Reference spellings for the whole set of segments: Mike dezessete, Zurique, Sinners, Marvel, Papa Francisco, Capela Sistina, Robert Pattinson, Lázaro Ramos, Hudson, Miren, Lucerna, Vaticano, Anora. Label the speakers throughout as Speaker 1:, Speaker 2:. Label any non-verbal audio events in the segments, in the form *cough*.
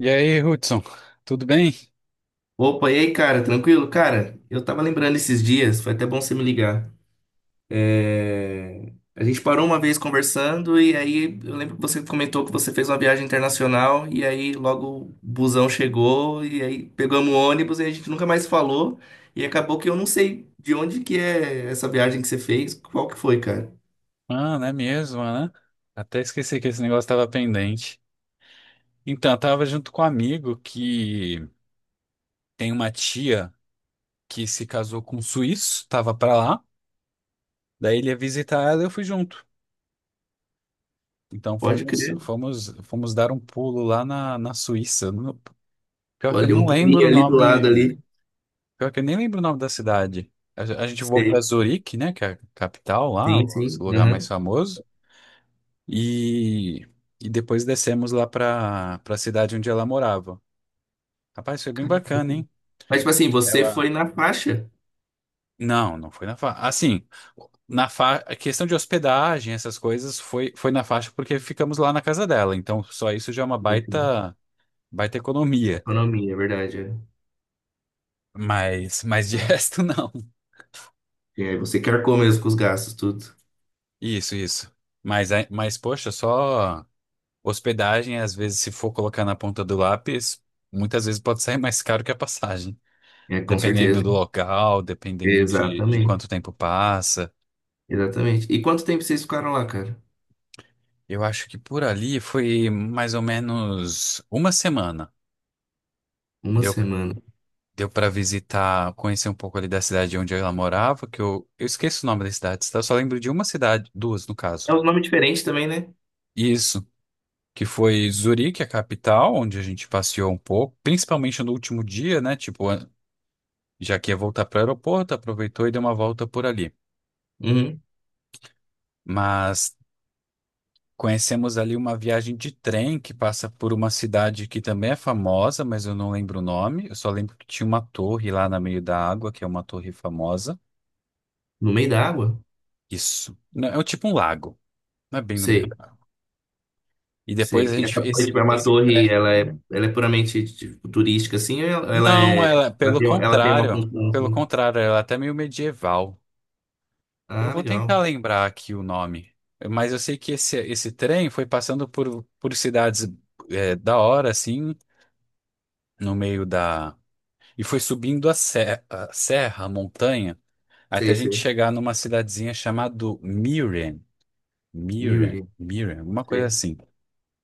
Speaker 1: E aí, Hudson, tudo bem?
Speaker 2: Opa, e aí, cara, tranquilo? Cara, eu tava lembrando esses dias, foi até bom você me ligar. É. A gente parou uma vez conversando e aí eu lembro que você comentou que você fez uma viagem internacional e aí logo o busão chegou e aí pegamos o ônibus e a gente nunca mais falou e acabou que eu não sei de onde que é essa viagem que você fez, qual que foi, cara?
Speaker 1: Mano, é mesmo, né? Até esqueci que esse negócio estava pendente. Então, eu tava junto com um amigo que tem uma tia que se casou com um suíço, tava pra lá, daí ele ia visitar ela e eu fui junto. Então
Speaker 2: Pode crer.
Speaker 1: fomos dar um pulo lá na Suíça. No- Pior que eu
Speaker 2: Olha, um
Speaker 1: não
Speaker 2: pulinho
Speaker 1: lembro o
Speaker 2: ali do lado
Speaker 1: nome,
Speaker 2: ali.
Speaker 1: pior que eu nem lembro o nome da cidade. A gente voou pra
Speaker 2: Sei.
Speaker 1: Zurique, né, que é a capital lá,
Speaker 2: Sim,
Speaker 1: o
Speaker 2: sim.
Speaker 1: lugar mais
Speaker 2: Aham.
Speaker 1: famoso. E, e depois descemos lá para a cidade onde ela morava. Rapaz, foi bem bacana, hein?
Speaker 2: Mas, tipo assim, você foi
Speaker 1: Ela.
Speaker 2: na faixa.
Speaker 1: Não, não foi na faixa. Assim, na fa... a questão de hospedagem, essas coisas, foi na faixa porque ficamos lá na casa dela. Então, só isso já é uma
Speaker 2: Enfim,
Speaker 1: baita, baita economia.
Speaker 2: economia, é verdade.
Speaker 1: Mas de *laughs*
Speaker 2: É.
Speaker 1: resto, não.
Speaker 2: E aí você quer mesmo com os gastos, tudo.
Speaker 1: Isso, isso. Mas, poxa, só hospedagem, às vezes, se for colocar na ponta do lápis, muitas vezes pode sair mais caro que a passagem.
Speaker 2: É, com
Speaker 1: Dependendo
Speaker 2: certeza.
Speaker 1: do local, dependendo de quanto
Speaker 2: Exatamente.
Speaker 1: tempo passa.
Speaker 2: Exatamente. E quanto tempo vocês ficaram lá, cara?
Speaker 1: Eu acho que por ali foi mais ou menos uma semana.
Speaker 2: Uma
Speaker 1: Deu,
Speaker 2: semana.
Speaker 1: deu para visitar, conhecer um pouco ali da cidade onde ela morava, que eu esqueço o nome das cidades, tá? Eu só lembro de uma cidade, duas no caso.
Speaker 2: É um nome diferente também, né?
Speaker 1: Isso, que foi Zurique, a capital, onde a gente passeou um pouco, principalmente no último dia, né? Tipo, já que ia voltar para o aeroporto, aproveitou e deu uma volta por ali.
Speaker 2: Uhum.
Speaker 1: Mas conhecemos ali uma viagem de trem que passa por uma cidade que também é famosa, mas eu não lembro o nome. Eu só lembro que tinha uma torre lá no meio da água, que é uma torre famosa.
Speaker 2: No meio da água?
Speaker 1: Isso. Não, é tipo um lago, não é bem no meio
Speaker 2: Sei,
Speaker 1: da água. E depois
Speaker 2: sei.
Speaker 1: a
Speaker 2: E
Speaker 1: gente
Speaker 2: essa torre, tipo, é uma
Speaker 1: esse
Speaker 2: torre,
Speaker 1: trem.
Speaker 2: ela é puramente tipo, turística, assim, ou ela
Speaker 1: Não,
Speaker 2: é.
Speaker 1: ela,
Speaker 2: Ela tem, ela tem uma função,
Speaker 1: pelo
Speaker 2: assim.
Speaker 1: contrário, ela é até meio medieval. Eu
Speaker 2: Ah,
Speaker 1: vou tentar
Speaker 2: legal.
Speaker 1: lembrar aqui o nome, mas eu sei que esse trem foi passando por cidades é, da hora assim, no meio da E foi subindo a serra, a montanha, até
Speaker 2: Sei,
Speaker 1: a gente
Speaker 2: sei.
Speaker 1: chegar numa cidadezinha chamada Miren,
Speaker 2: Mirror,
Speaker 1: Miren, alguma coisa
Speaker 2: sei.
Speaker 1: assim,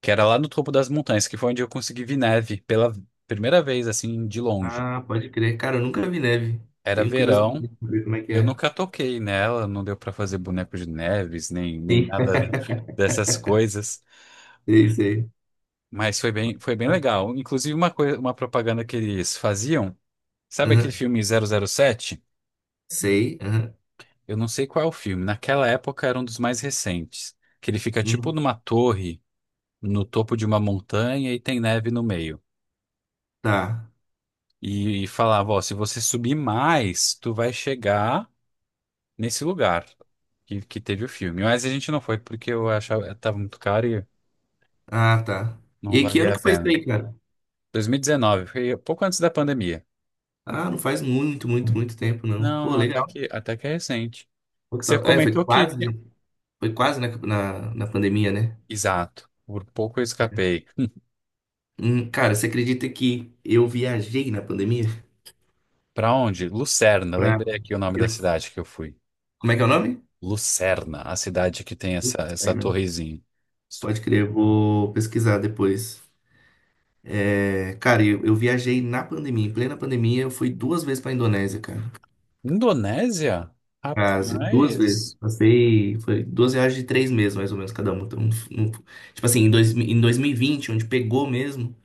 Speaker 1: que era lá no topo das montanhas, que foi onde eu consegui ver neve pela primeira vez, assim, de longe.
Speaker 2: Ah, pode crer. Cara, eu nunca vi neve.
Speaker 1: Era
Speaker 2: Tenho curiosidade
Speaker 1: verão,
Speaker 2: de ver como é que
Speaker 1: eu
Speaker 2: é.
Speaker 1: nunca toquei nela, não deu pra fazer boneco de neves, nem
Speaker 2: Sim,
Speaker 1: nada *laughs* dessas coisas,
Speaker 2: *laughs* sei, sei.
Speaker 1: mas foi bem legal. Inclusive, uma coisa, uma propaganda que eles faziam, sabe aquele
Speaker 2: Aham.
Speaker 1: filme zero zero sete?
Speaker 2: Sei, aham.
Speaker 1: Eu não sei qual é o filme. Naquela época era um dos mais recentes. Que ele fica tipo
Speaker 2: Uhum.
Speaker 1: numa torre, no topo de uma montanha e tem neve no meio.
Speaker 2: Tá.
Speaker 1: E falava, ó, se você subir mais, tu vai chegar nesse lugar que teve o filme. Mas a gente não foi porque eu achava tava muito caro e
Speaker 2: Ah, tá. E
Speaker 1: não
Speaker 2: aí, que
Speaker 1: valia
Speaker 2: ano
Speaker 1: a
Speaker 2: que foi isso
Speaker 1: pena.
Speaker 2: aí, cara?
Speaker 1: 2019, foi pouco antes da pandemia.
Speaker 2: Ah, não faz muito, muito, muito tempo, não.
Speaker 1: Não,
Speaker 2: Pô,
Speaker 1: não, até
Speaker 2: legal.
Speaker 1: que, é recente.
Speaker 2: Pô, que
Speaker 1: Você
Speaker 2: tal? É,
Speaker 1: comentou que... tinha-
Speaker 2: foi quase na pandemia, né?
Speaker 1: Exato. Por pouco eu escapei.
Speaker 2: Cara, você acredita que eu viajei na pandemia?
Speaker 1: Pra onde? Lucerna.
Speaker 2: Pra-
Speaker 1: Lembrei aqui o nome da
Speaker 2: eu-
Speaker 1: cidade que eu fui.
Speaker 2: Como é que é o nome?
Speaker 1: Lucerna, a cidade que tem
Speaker 2: Putz,
Speaker 1: essa
Speaker 2: aí, né?
Speaker 1: torrezinha. Isso-
Speaker 2: Pode crer, eu vou pesquisar depois. É, cara, eu viajei na pandemia, em plena pandemia, eu fui duas vezes pra Indonésia, cara.
Speaker 1: Indonésia?
Speaker 2: Quase, duas vezes.
Speaker 1: Rapaz.
Speaker 2: Passei, foi duas viagens de 3 meses, mais ou menos, cada uma. Então, um- tipo assim, em 2020 onde pegou mesmo,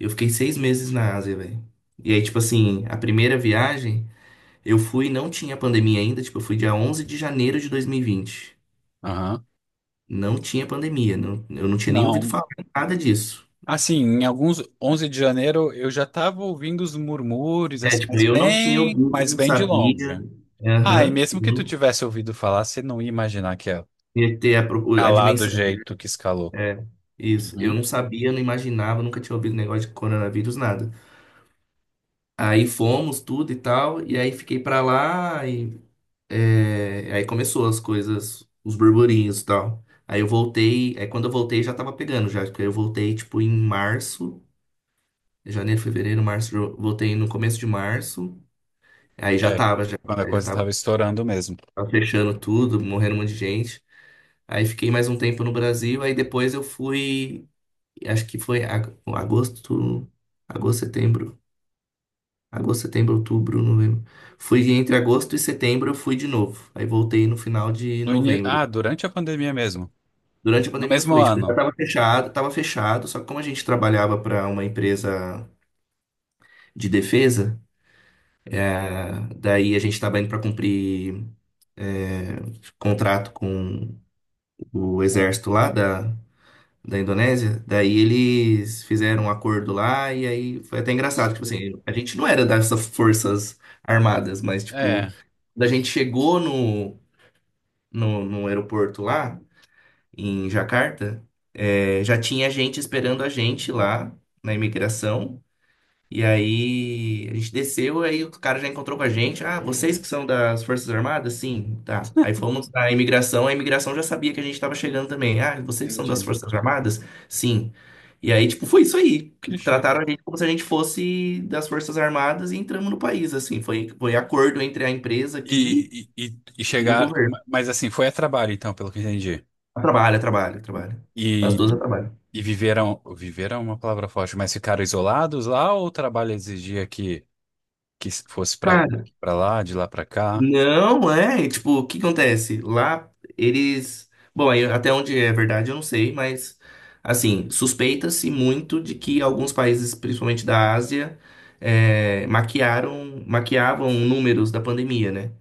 Speaker 2: eu fiquei 6 meses na Ásia, velho. E aí, tipo assim, a primeira viagem, eu fui, não tinha pandemia ainda, tipo, eu fui dia 11 de janeiro de 2020.
Speaker 1: Aham.
Speaker 2: Não tinha pandemia, não, eu não tinha nem ouvido
Speaker 1: Não.
Speaker 2: falar nada disso.
Speaker 1: Assim, em alguns onze de janeiro eu já tava ouvindo os murmúrios,
Speaker 2: É,
Speaker 1: assim,
Speaker 2: tipo, eu não tinha ouvido, eu
Speaker 1: mas
Speaker 2: não
Speaker 1: bem de
Speaker 2: sabia.
Speaker 1: longe. Ah, e
Speaker 2: Aham.
Speaker 1: mesmo
Speaker 2: eu
Speaker 1: que tu
Speaker 2: não
Speaker 1: tivesse ouvido falar, você não ia imaginar que ia
Speaker 2: ia ter a
Speaker 1: calar do
Speaker 2: dimensão.
Speaker 1: jeito que escalou.
Speaker 2: É, isso. Eu
Speaker 1: Uhum.
Speaker 2: não sabia, não imaginava, nunca tinha ouvido negócio de coronavírus, nada. Aí fomos, tudo e tal, e aí fiquei pra lá, e é, aí começou as coisas, os burburinhos e tal. Aí eu voltei, aí quando eu voltei já tava pegando já, porque eu voltei tipo em março, janeiro, fevereiro, março, eu voltei no começo de março, aí já
Speaker 1: É,
Speaker 2: tava, já,
Speaker 1: quando a
Speaker 2: aí já
Speaker 1: coisa
Speaker 2: tava,
Speaker 1: estava estourando mesmo.
Speaker 2: tava fechando tudo, morrendo um monte de gente. Aí fiquei mais um tempo no Brasil, aí depois eu fui. Acho que foi agosto, agosto, setembro, agosto, setembro, outubro, novembro. Fui entre agosto e setembro, eu fui de novo. Aí voltei no final de
Speaker 1: No ini-
Speaker 2: novembro.
Speaker 1: Ah, durante a pandemia mesmo.
Speaker 2: Durante a
Speaker 1: No
Speaker 2: pandemia eu
Speaker 1: mesmo
Speaker 2: fui, tipo, já
Speaker 1: ano.
Speaker 2: tava fechado, só que como a gente trabalhava para uma empresa de defesa, ah, daí a gente estava indo para cumprir é, contrato com o
Speaker 1: Com-
Speaker 2: exército lá da Indonésia, daí eles fizeram um acordo lá e aí foi até
Speaker 1: com
Speaker 2: engraçado, tipo
Speaker 1: certeza.
Speaker 2: assim, a gente não era dessas forças armadas, mas tipo,
Speaker 1: É,
Speaker 2: quando a gente chegou no aeroporto lá, em Jacarta, eh, já tinha gente esperando a gente lá na imigração e aí a gente desceu, aí o cara já encontrou com a gente. Ah, vocês que são das Forças Armadas? Sim, tá. Aí fomos na imigração, a imigração já sabia que a gente estava chegando também. Ah, vocês que são das
Speaker 1: entendi.
Speaker 2: Forças Armadas? Sim. E aí, tipo, foi isso aí.
Speaker 1: Que chique.
Speaker 2: Trataram a gente como se a gente fosse das Forças Armadas e entramos no país, assim. Foi, foi acordo entre a empresa aqui
Speaker 1: E
Speaker 2: e o
Speaker 1: chegar.
Speaker 2: governo.
Speaker 1: Mas assim, foi a trabalho, então, pelo que eu entendi.
Speaker 2: Trabalha, trabalha, trabalha. As
Speaker 1: E,
Speaker 2: duas trabalham.
Speaker 1: e viveram. Viveram é uma palavra forte, mas ficaram isolados lá ou o trabalho exigia que fosse pra, pra lá, de lá pra cá?
Speaker 2: Não, é, tipo, o que acontece? Lá eles, bom, aí até onde é verdade eu não sei, mas assim, suspeita-se muito de que alguns países, principalmente da Ásia, é, maquiaram, maquiavam números da pandemia, né?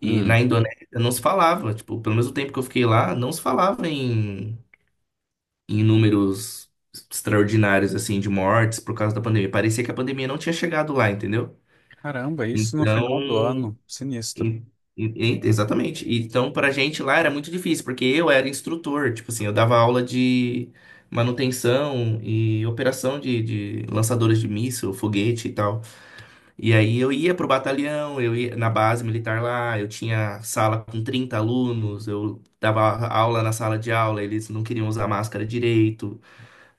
Speaker 2: E na
Speaker 1: Hum,
Speaker 2: Indonésia não se falava, tipo, pelo mesmo tempo que eu fiquei lá, não se falava em, em números extraordinários assim de mortes por causa da pandemia. Parecia que a pandemia não tinha chegado lá, entendeu?
Speaker 1: caramba, isso no final do
Speaker 2: Então,
Speaker 1: ano. Sinistro.
Speaker 2: e- e- exatamente. E então, pra gente lá era muito difícil, porque eu era instrutor, tipo assim, eu dava aula de manutenção e operação de lançadores de míssil, foguete e tal. E aí eu ia pro batalhão, eu ia na base militar lá, eu tinha sala com 30 alunos, eu dava aula na sala de aula, eles não queriam usar máscara direito,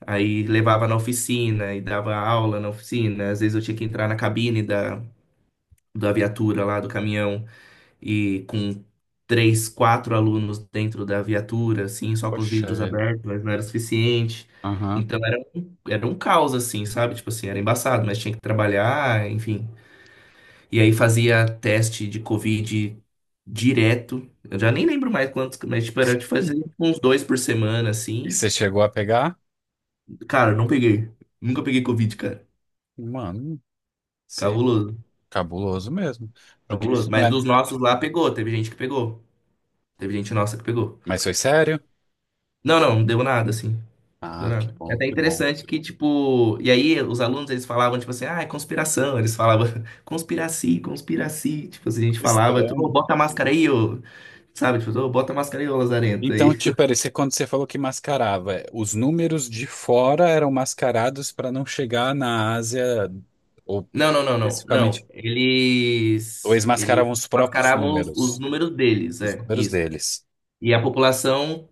Speaker 2: aí levava na oficina e dava aula na oficina, às vezes eu tinha que entrar na cabine da viatura lá, do caminhão e com três, quatro alunos dentro da viatura, assim, só com os
Speaker 1: Poxa
Speaker 2: vidros
Speaker 1: vida.
Speaker 2: abertos, mas não era suficiente.
Speaker 1: Aham.
Speaker 2: Então era um caos, assim, sabe? Tipo assim, era embaçado, mas tinha que trabalhar, enfim. E aí fazia teste de Covid direto. Eu já nem lembro mais quantos, mas tipo, era de fazer uns dois por semana,
Speaker 1: E
Speaker 2: assim.
Speaker 1: você chegou a pegar?
Speaker 2: Cara, não peguei. Nunca peguei Covid, cara.
Speaker 1: Mano, você
Speaker 2: Cabuloso,
Speaker 1: cabuloso mesmo. Porque isso
Speaker 2: cabuloso.
Speaker 1: não
Speaker 2: Mas
Speaker 1: é.
Speaker 2: dos nossos lá pegou, teve gente que pegou. Teve gente nossa que pegou.
Speaker 1: Mas foi sério?
Speaker 2: Não, não, não deu nada, assim. Do
Speaker 1: Ah, que
Speaker 2: nada. É
Speaker 1: bom,
Speaker 2: até
Speaker 1: que bom.
Speaker 2: interessante que, tipo, e aí os alunos eles falavam, tipo assim, ah, é conspiração. Eles falavam, *laughs* conspiraci, conspiraci. Tipo assim, a gente falava, ô,
Speaker 1: Estranho.
Speaker 2: bota a máscara aí, ô. Sabe, tipo, ô, bota a máscara aí, ô lazarento.
Speaker 1: Então,
Speaker 2: Aí.
Speaker 1: tipo,
Speaker 2: *laughs*
Speaker 1: era esse- quando você falou que mascarava, é, os números de fora eram mascarados para não chegar na Ásia, ou
Speaker 2: Não, não, não, não, não.
Speaker 1: especificamente, ou eles
Speaker 2: Eles
Speaker 1: mascaravam os próprios
Speaker 2: mascaravam os
Speaker 1: números,
Speaker 2: números deles,
Speaker 1: os
Speaker 2: é,
Speaker 1: números
Speaker 2: isso.
Speaker 1: deles.
Speaker 2: E a população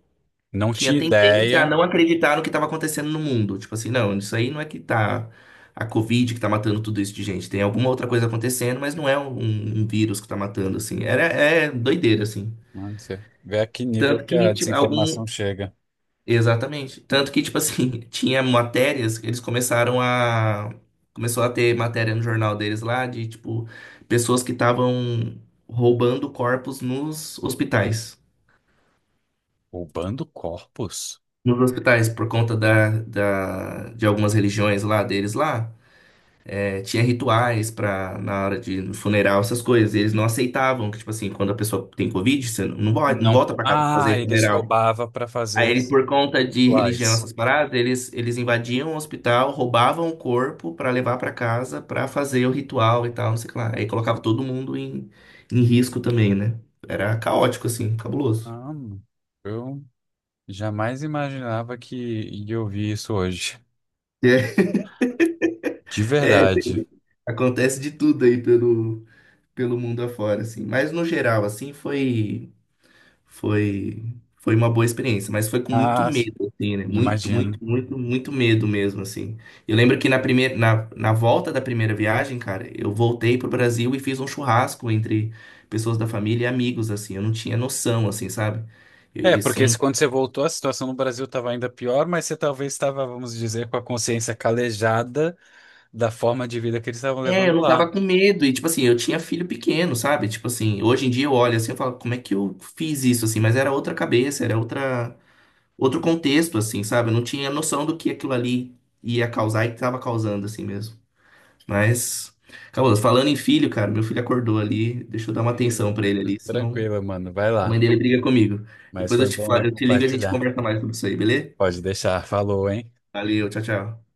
Speaker 1: Não
Speaker 2: tinha
Speaker 1: tinha
Speaker 2: tendência a
Speaker 1: ideia.
Speaker 2: não acreditar no que estava acontecendo no mundo. Tipo assim, não, isso aí não é que tá a Covid que tá matando tudo isso de gente. Tem alguma outra coisa acontecendo, mas não é um vírus que tá matando, assim. Era, é doideira, assim.
Speaker 1: Mano, você vê a que nível
Speaker 2: Tanto
Speaker 1: que
Speaker 2: que,
Speaker 1: a
Speaker 2: tipo, algum.
Speaker 1: desinformação chega.
Speaker 2: Exatamente. Tanto que, tipo assim, *laughs* tinha matérias, eles começaram a. Começou a ter matéria no jornal deles lá de, tipo, pessoas que estavam roubando corpos nos hospitais.
Speaker 1: Roubando corpos?
Speaker 2: Nos hospitais, por conta de algumas religiões lá deles lá, é, tinha rituais para na hora de no funeral, essas coisas. E eles não aceitavam que, tipo assim, quando a pessoa tem Covid, você não, não vai- não
Speaker 1: Não.
Speaker 2: volta
Speaker 1: po-
Speaker 2: para casa pra
Speaker 1: Ah,
Speaker 2: fazer
Speaker 1: eles
Speaker 2: funeral.
Speaker 1: roubavam para
Speaker 2: Aí,
Speaker 1: fazer
Speaker 2: ele, por conta de religião,
Speaker 1: rituais.
Speaker 2: essas paradas, eles invadiam o hospital, roubavam o corpo para levar para casa para fazer o ritual e tal, não sei o que lá. Aí colocava todo mundo em, em risco também, né? Era caótico, assim, cabuloso.
Speaker 1: Ah, eu jamais imaginava que ia ouvir isso hoje. De
Speaker 2: *laughs* É,
Speaker 1: verdade.
Speaker 2: acontece de tudo aí pelo, pelo mundo afora, assim. Mas no geral, assim, foi foi uma boa experiência, mas foi com muito
Speaker 1: Ah,
Speaker 2: medo, assim, né? Muito,
Speaker 1: imagino.
Speaker 2: muito, muito, muito medo mesmo, assim. Eu lembro que na primeira na volta da primeira viagem, cara, eu voltei pro Brasil e fiz um churrasco entre pessoas da família e amigos, assim. Eu não tinha noção, assim, sabe?
Speaker 1: É,
Speaker 2: Isso é
Speaker 1: porque se-
Speaker 2: um.
Speaker 1: quando você voltou, a situação no Brasil estava ainda pior, mas você talvez estava, vamos dizer, com a consciência calejada da forma de vida que eles estavam
Speaker 2: É, eu
Speaker 1: levando
Speaker 2: não tava
Speaker 1: lá.
Speaker 2: com medo, e tipo assim, eu tinha filho pequeno, sabe? Tipo assim, hoje em dia eu olho assim e falo, como é que eu fiz isso, assim? Mas era outra cabeça, era outra, outro contexto, assim, sabe? Eu não tinha noção do que aquilo ali ia causar e que tava causando, assim mesmo. Mas, acabou. Falando em filho, cara, meu filho acordou ali. Deixa eu dar uma atenção pra
Speaker 1: Eita.
Speaker 2: ele ali, senão
Speaker 1: Tranquilo, mano. Vai
Speaker 2: a
Speaker 1: lá.
Speaker 2: mãe dele briga comigo.
Speaker 1: Mas
Speaker 2: Depois eu
Speaker 1: foi
Speaker 2: te
Speaker 1: bom aí
Speaker 2: falo, eu te ligo e a gente
Speaker 1: compartilhar.
Speaker 2: conversa mais sobre isso aí, beleza?
Speaker 1: Pode deixar. Falou, hein?
Speaker 2: Valeu, tchau, tchau.